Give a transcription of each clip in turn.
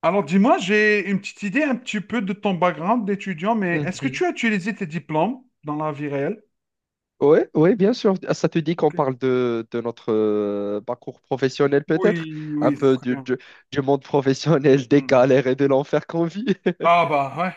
Alors dis-moi, j'ai une petite idée un petit peu de ton background d'étudiant, mais est-ce que tu Mhm. as utilisé tes diplômes dans la vie réelle? Ouais, ouais, bien sûr. Ah, ça te dit qu'on Ok. parle de notre parcours professionnel peut-être, Oui, un oui, c'est peu très du, bien. du, du monde professionnel, des Mhm. galères et de l'enfer qu'on vit. Ah bah ouais.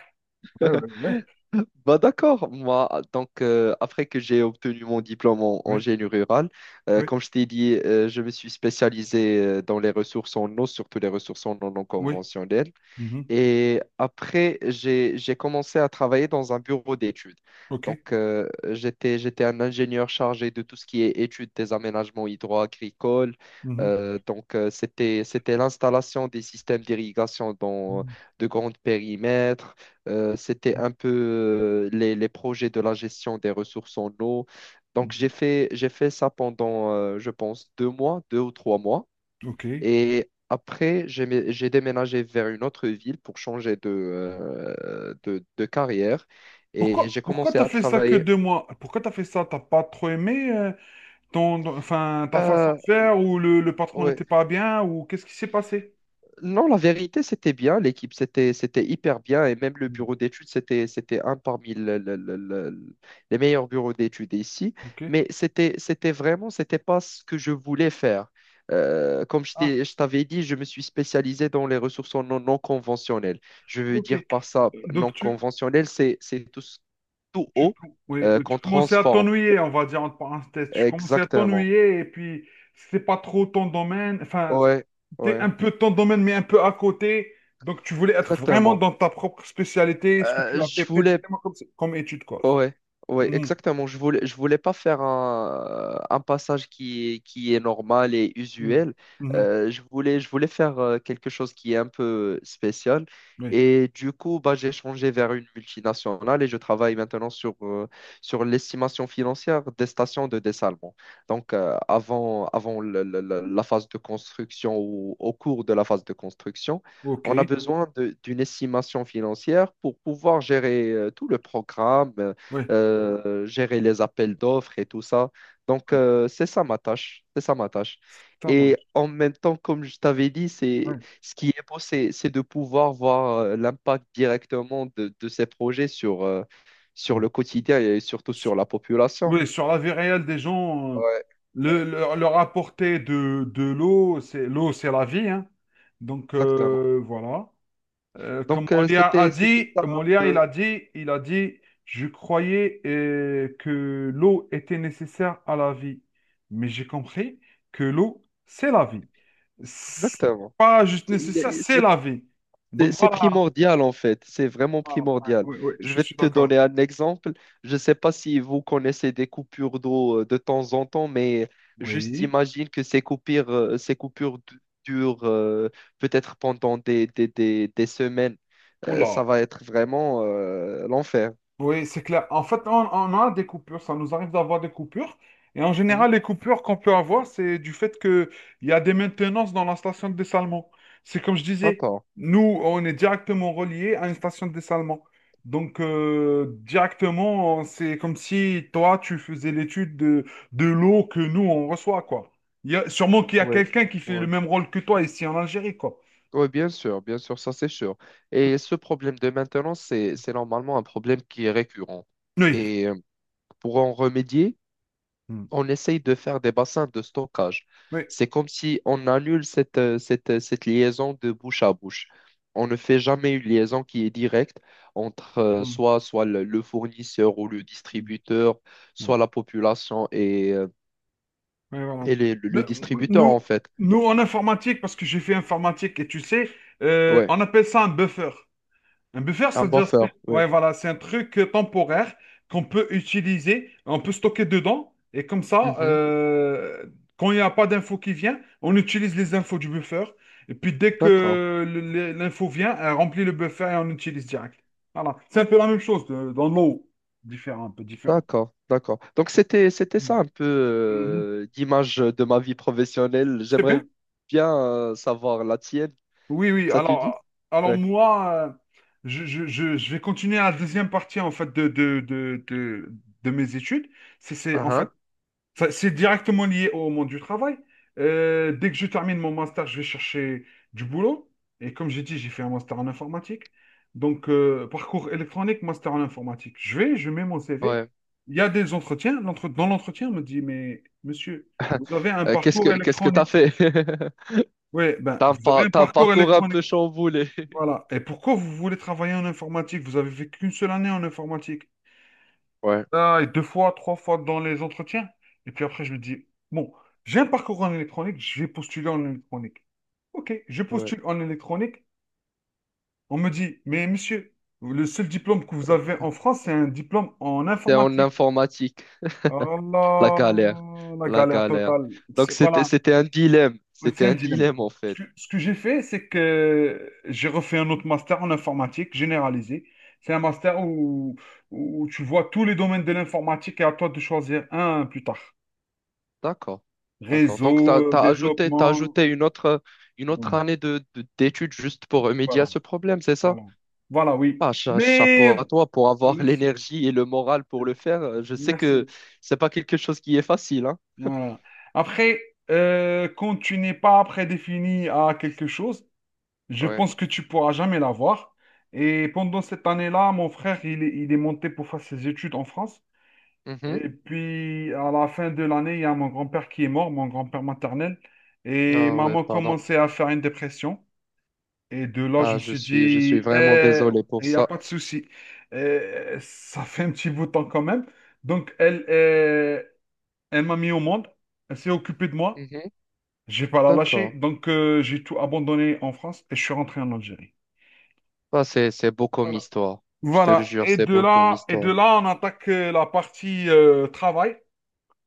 Ouais, ouais, ouais. D'accord, moi, donc après que j'ai obtenu mon diplôme en Oui, génie rural, oui, comme je t'ai dit, je me suis spécialisé dans les ressources en eau, surtout les ressources en eau non oui. conventionnelles. Mhm. Et après, j'ai commencé à travailler dans un bureau d'études. Ok. Donc, j'étais un ingénieur chargé de tout ce qui est études des aménagements hydro-agricoles. Mhm. Donc, c'était l'installation des systèmes d'irrigation dans Mhm. de grands périmètres. C'était un peu les projets de la gestion des ressources en eau. Donc, Mhm. j'ai fait ça pendant, je pense, deux mois, deux ou trois mois. Ok. Et après, j'ai déménagé vers une autre ville pour changer de carrière Pourquoi, et j'ai pourquoi commencé t'as à fait ça que travailler. 2 mois? Pourquoi t'as fait ça? T'as pas trop aimé ton, enfin, ta façon Ah, de faire ou le patron ouais, n'était pas bien ou qu'est-ce qui s'est passé? non, la vérité, c'était bien. L'équipe, c'était hyper bien. Et même le Mhm. bureau d'études, c'était un parmi les meilleurs bureaux d'études ici. Ok. Mais c'était vraiment, c'était pas ce que je voulais faire. Ah, Je t'avais dit, je me suis spécialisé dans les ressources non conventionnelles. Je veux ok. dire par ça, non Donc conventionnel, c'est tout, tout haut oui, oui, tu qu'on commençais à transforme. t'ennuyer, on va dire entre parenthèses. Tu commençais à Exactement. t'ennuyer et puis c'est pas trop ton domaine. Enfin, Ouais, c'était ouais, un peu ton domaine, mais un peu à côté. Donc, tu voulais être vraiment exactement. dans ta propre spécialité, ce que Euh, tu as fait je voulais précisément comme étude, quoi. Ouais, ouais, Mhm, exactement. Je voulais pas faire un passage qui est normal et mhm, usuel. mhm. Je voulais faire quelque chose qui est un peu spécial. Oui, Et du coup, bah, j'ai changé vers une multinationale et je travaille maintenant sur l'estimation financière des stations de dessalement. Donc, avant la phase de construction ou au cours de la phase de construction, ok. on a besoin d'une estimation financière pour pouvoir gérer tout le programme, Oui, gérer les appels d'offres et tout ça. Donc, oui, c'est ça ma tâche, c'est ça ma tâche. ça Et marche. en même temps, comme je t'avais dit, Oui, c'est ce qui est beau, c'est de pouvoir voir l'impact directement de ces projets sur, sur oui. le quotidien et surtout sur la population. Oui, sur la vie réelle des gens, Ouais, le, ouais, leur apporter de l'eau, c'est la vie, hein. Donc exactement. Voilà. Comme Donc, Molière a c'était dit, ça un Molière, il peu. a dit, il a dit, je croyais que l'eau était nécessaire à la vie, mais j'ai compris que l'eau, c'est la vie. C'est Exactement. pas juste C'est il nécessaire, est- c'est c'est la vie. C'est Donc voilà. primordial en fait, c'est vraiment Voilà. Ouais, primordial. ouais, ouais, Je je vais suis te donner d'accord. un exemple. Je ne sais pas si vous connaissez des coupures d'eau de temps en temps, mais juste Oui. imagine que ces coupures durent peut-être pendant des semaines. Oula. Ça va être vraiment l'enfer. Oui, c'est clair. En fait, on a des coupures, ça nous arrive d'avoir des coupures. Et en Hmm. général, les coupures qu'on peut avoir, c'est du fait qu'il y a des maintenances dans la station de dessalement. C'est comme je disais, D'accord. nous, on est directement relié à une station de dessalement. Donc, directement, c'est comme si toi, tu faisais l'étude de l'eau que nous, on reçoit, quoi. Il y a, sûrement qu'il y a Oui, quelqu'un qui fait le oui. même rôle que toi ici en Algérie, quoi. Oui, bien sûr, ça c'est sûr. Et ce problème de maintenance, c'est normalement un problème qui est récurrent. Oui. Et pour en remédier, Hmm, on essaye de faire des bassins de stockage. oui. C'est comme si on annule cette liaison de bouche à bouche. On ne fait jamais une liaison qui est directe entre Mm. Soit le fournisseur ou le distributeur, Hmm. soit la population et, Ouais, voilà. Ne- le distributeur, en Nous, fait. nous, en informatique, parce que j'ai fait informatique et tu sais, Ouais, on appelle ça un buffer. Un buffer, un c'est-à-dire, buffer, ouais, ouais. voilà, c'est un truc temporaire qu'on peut utiliser, on peut stocker dedans, et comme ça, Mhm. Quand il n'y a pas d'info qui vient, on utilise les infos du buffer, et puis dès D'accord, que l'info vient, elle remplit le buffer et on l'utilise direct. Voilà, c'est un peu la même chose dans l'eau, différent, un peu différent. D'accord. Donc, c'était ça Mhm. un peu Mhm. L'image de ma vie professionnelle. C'est J'aimerais bien. bien savoir la tienne, Oui, oui. ça te dit? Alors Ouais. moi, je vais continuer la deuxième partie en fait de mes études. En fait, Ah c'est directement lié au monde du travail. Dès que je termine mon master, je vais chercher du boulot. Et comme j'ai dit, j'ai fait un master en informatique. Donc, parcours électronique, master en informatique. Je mets mon CV. ouais. Il y a des entretiens. Dans l'entretien, on me dit, mais monsieur, vous avez un parcours Qu'est-ce que t'as électronique. fait? Oui, ben, T'as vous avez un t'as un parcours parcours un peu électronique. chamboulé. Voilà. Et pourquoi vous voulez travailler en informatique? Vous avez fait qu'une seule année en informatique. Ouais. Ah, et deux fois, trois fois dans les entretiens. Et puis après, je me dis, bon, j'ai un parcours en électronique, je vais postuler en électronique. Ok, je Ouais. postule en électronique. On me dit, mais monsieur, le seul diplôme que vous avez en France, c'est un diplôme en T'es en informatique. informatique. Ah La galère. là, la La galère galère. totale. Donc Voilà. c'était un dilemme. C'était C'est un un dilemme. dilemme en Ce fait. que, ce que j'ai fait, c'est que j'ai refait un autre master en informatique généralisé. C'est un master où tu vois tous les domaines de l'informatique et à toi de choisir un plus tard. D'accord. D'accord. Donc Réseau, t'as développement. ajouté une autre Ouais, année d'études juste pour remédier à voilà, ce problème, c'est ça? voilà. Voilà, oui. Ah, chapeau Mais, à toi pour avoir merci. l'énergie et le moral pour le faire. Je sais que Merci. c'est pas quelque chose qui est facile, hein. Voilà. Après, quand tu n'es pas prédéfini à quelque chose, je Ouais. pense que tu pourras jamais l'avoir. Et pendant cette année-là, mon frère, il est monté pour faire ses études en France. Mhm. Et puis, à la fin de l'année, il y a mon grand-père qui est mort, mon grand-père maternel. Et Ah ouais, maman pardon. commençait à faire une dépression. Et de là, je Ah, me suis je suis dit, vraiment eh, désolé pour il n'y a ça. pas de souci. Eh, ça fait un petit bout de temps quand même. Donc, elle m'a mis au monde. Elle s'est occupée de moi. Mhm. Je vais pas la lâcher. D'accord. Donc, j'ai tout abandonné en France et je suis rentré en Algérie. Ah, c'est beau comme Voilà. histoire. Je te le Voilà. jure, Et c'est de beau comme là, et de histoire. là, on attaque la partie travail,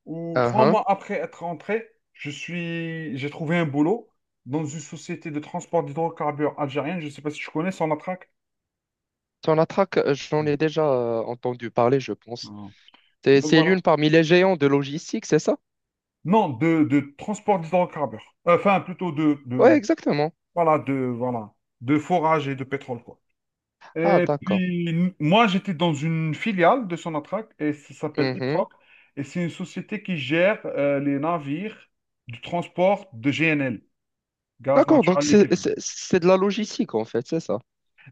où Ah trois uh. mois après être rentré, j'ai trouvé un boulot dans une société de transport d'hydrocarbures algérienne. Je ne sais pas si tu connais Sonatrach. Ton attaque, j'en Mm. ai déjà entendu parler, je pense. Non. Donc C'est voilà. l'une parmi les géants de logistique, c'est ça? Non, de transport d'hydrocarbures. Enfin, plutôt Ouais, exactement. Voilà, de forage et de pétrole, quoi. Ah, Et d'accord. puis, moi, j'étais dans une filiale de Sonatrach et ça s'appelle Mhm. IPROC. Et c'est une société qui gère les navires du transport de GNL, gaz D'accord, donc naturel liquéfié. C'est de la logistique, en fait, c'est ça.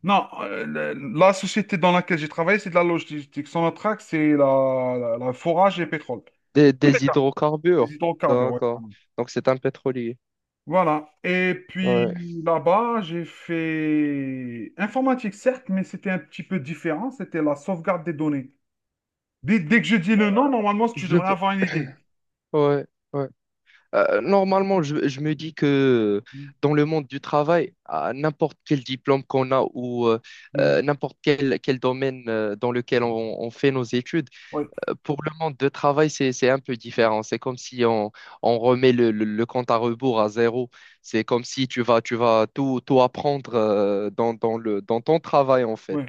Non, la société dans laquelle j'ai travaillé, c'est de la logistique. Sonatrach, c'est la forage et pétrole. Tous les Des cas, hydrocarbures. les hydrocarbures, ouais, D'accord. pardon. Donc c'est un pétrolier. Voilà. Et Ouais. puis là-bas, j'ai fait informatique, certes, mais c'était un petit peu différent. C'était la sauvegarde des données. Dès que je dis le nom, normalement, tu Je devrais peux. avoir une idée. Ouais, ouais. Normalement, je me dis que Mhm. dans le monde du travail, à n'importe quel diplôme qu'on a ou Mhm. N'importe quel domaine dans lequel on fait nos études, Oui, pour le monde de travail, c'est un peu différent. C'est comme si on remet le compte à rebours à zéro. C'est comme si tu vas tout apprendre dans ton travail, en fait. oui.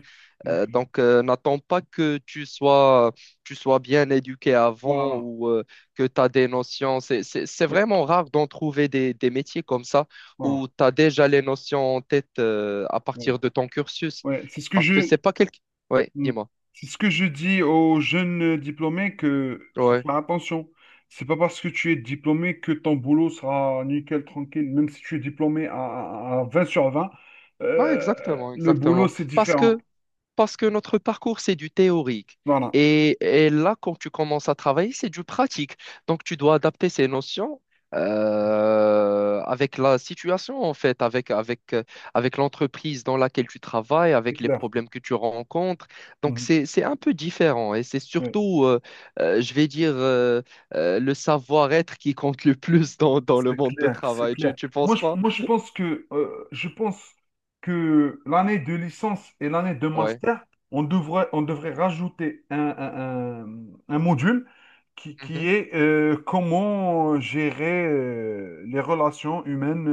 Ok. Donc, n'attends pas que tu sois bien éduqué avant Voilà. ou que tu as des notions. C'est Oui, vraiment rare d'en trouver des métiers comme ça voilà. où tu as déjà les notions en tête à Oui. partir de ton cursus. Ouais. C'est ce que Parce que je, c'est pas quelque... Oui, Mhm. dis-moi. C'est ce que je dis aux jeunes diplômés que faut Ouais. faire attention. C'est pas parce que tu es diplômé que ton boulot sera nickel, tranquille. Même si tu es diplômé à 20 sur 20, Non, exactement, le boulot, exactement. c'est différent. Parce que notre parcours, c'est du théorique. Voilà. Et là, quand tu commences à travailler, c'est du pratique. Donc, tu dois adapter ces notions avec la situation, en fait, avec l'entreprise dans laquelle tu travailles, C'est avec les clair. problèmes que tu rencontres. Donc, Mhm. c'est un peu différent. Et c'est surtout, je vais dire, le savoir-être qui compte le plus dans le C'est monde de clair, c'est travail. Clair. Tu Moi, penses je, pas? moi, je pense que l'année de licence et l'année de Ouais. master, on devrait rajouter un module qui Mhm. est comment gérer les relations humaines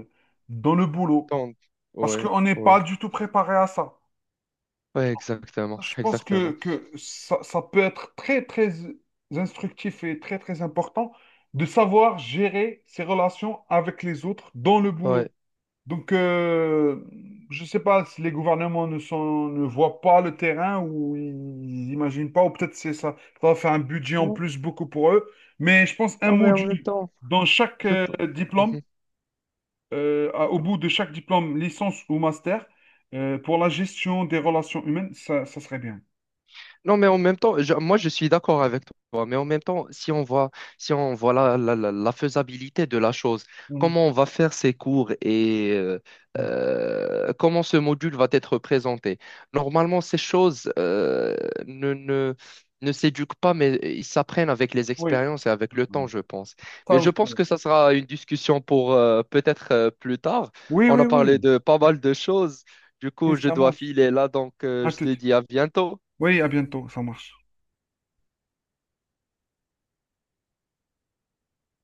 euh, dans le boulot. Donc, Parce ouais, qu'on n'est ouais. pas du tout préparé à ça. Ouais, exactement, Je pense que, exactement. que ça peut être très, très instructif et très, très important de savoir gérer ses relations avec les autres dans le boulot. Ouais. Donc, je ne sais pas si les gouvernements ne voient pas le terrain ou ils n'imaginent pas, ou peut-être c'est ça, ça va faire un budget en Non, plus beaucoup pour eux. Mais je pense un non, mais en même module temps, dans chaque je, t- diplôme, Mhm. Au bout de chaque diplôme, licence ou master, pour la gestion des relations humaines, ça serait bien. Non, mais en même temps, moi je suis d'accord avec toi, mais en même temps, si on voit la faisabilité de la chose, comment on va faire ces cours et Mm. Comment ce module va être présenté. Normalement, ces choses ne, ne, ne s'éduquent pas, mais ils s'apprennent avec les Oui, expériences et avec le temps, je pense. Mais ça je pense aussi. que ça sera une discussion pour peut-être plus tard. Oui, On oui, a parlé oui. de pas mal de choses. Du Oui, coup, je ça dois marche. filer là, donc À je te tout. dis à bientôt. Oui, à bientôt, ça marche.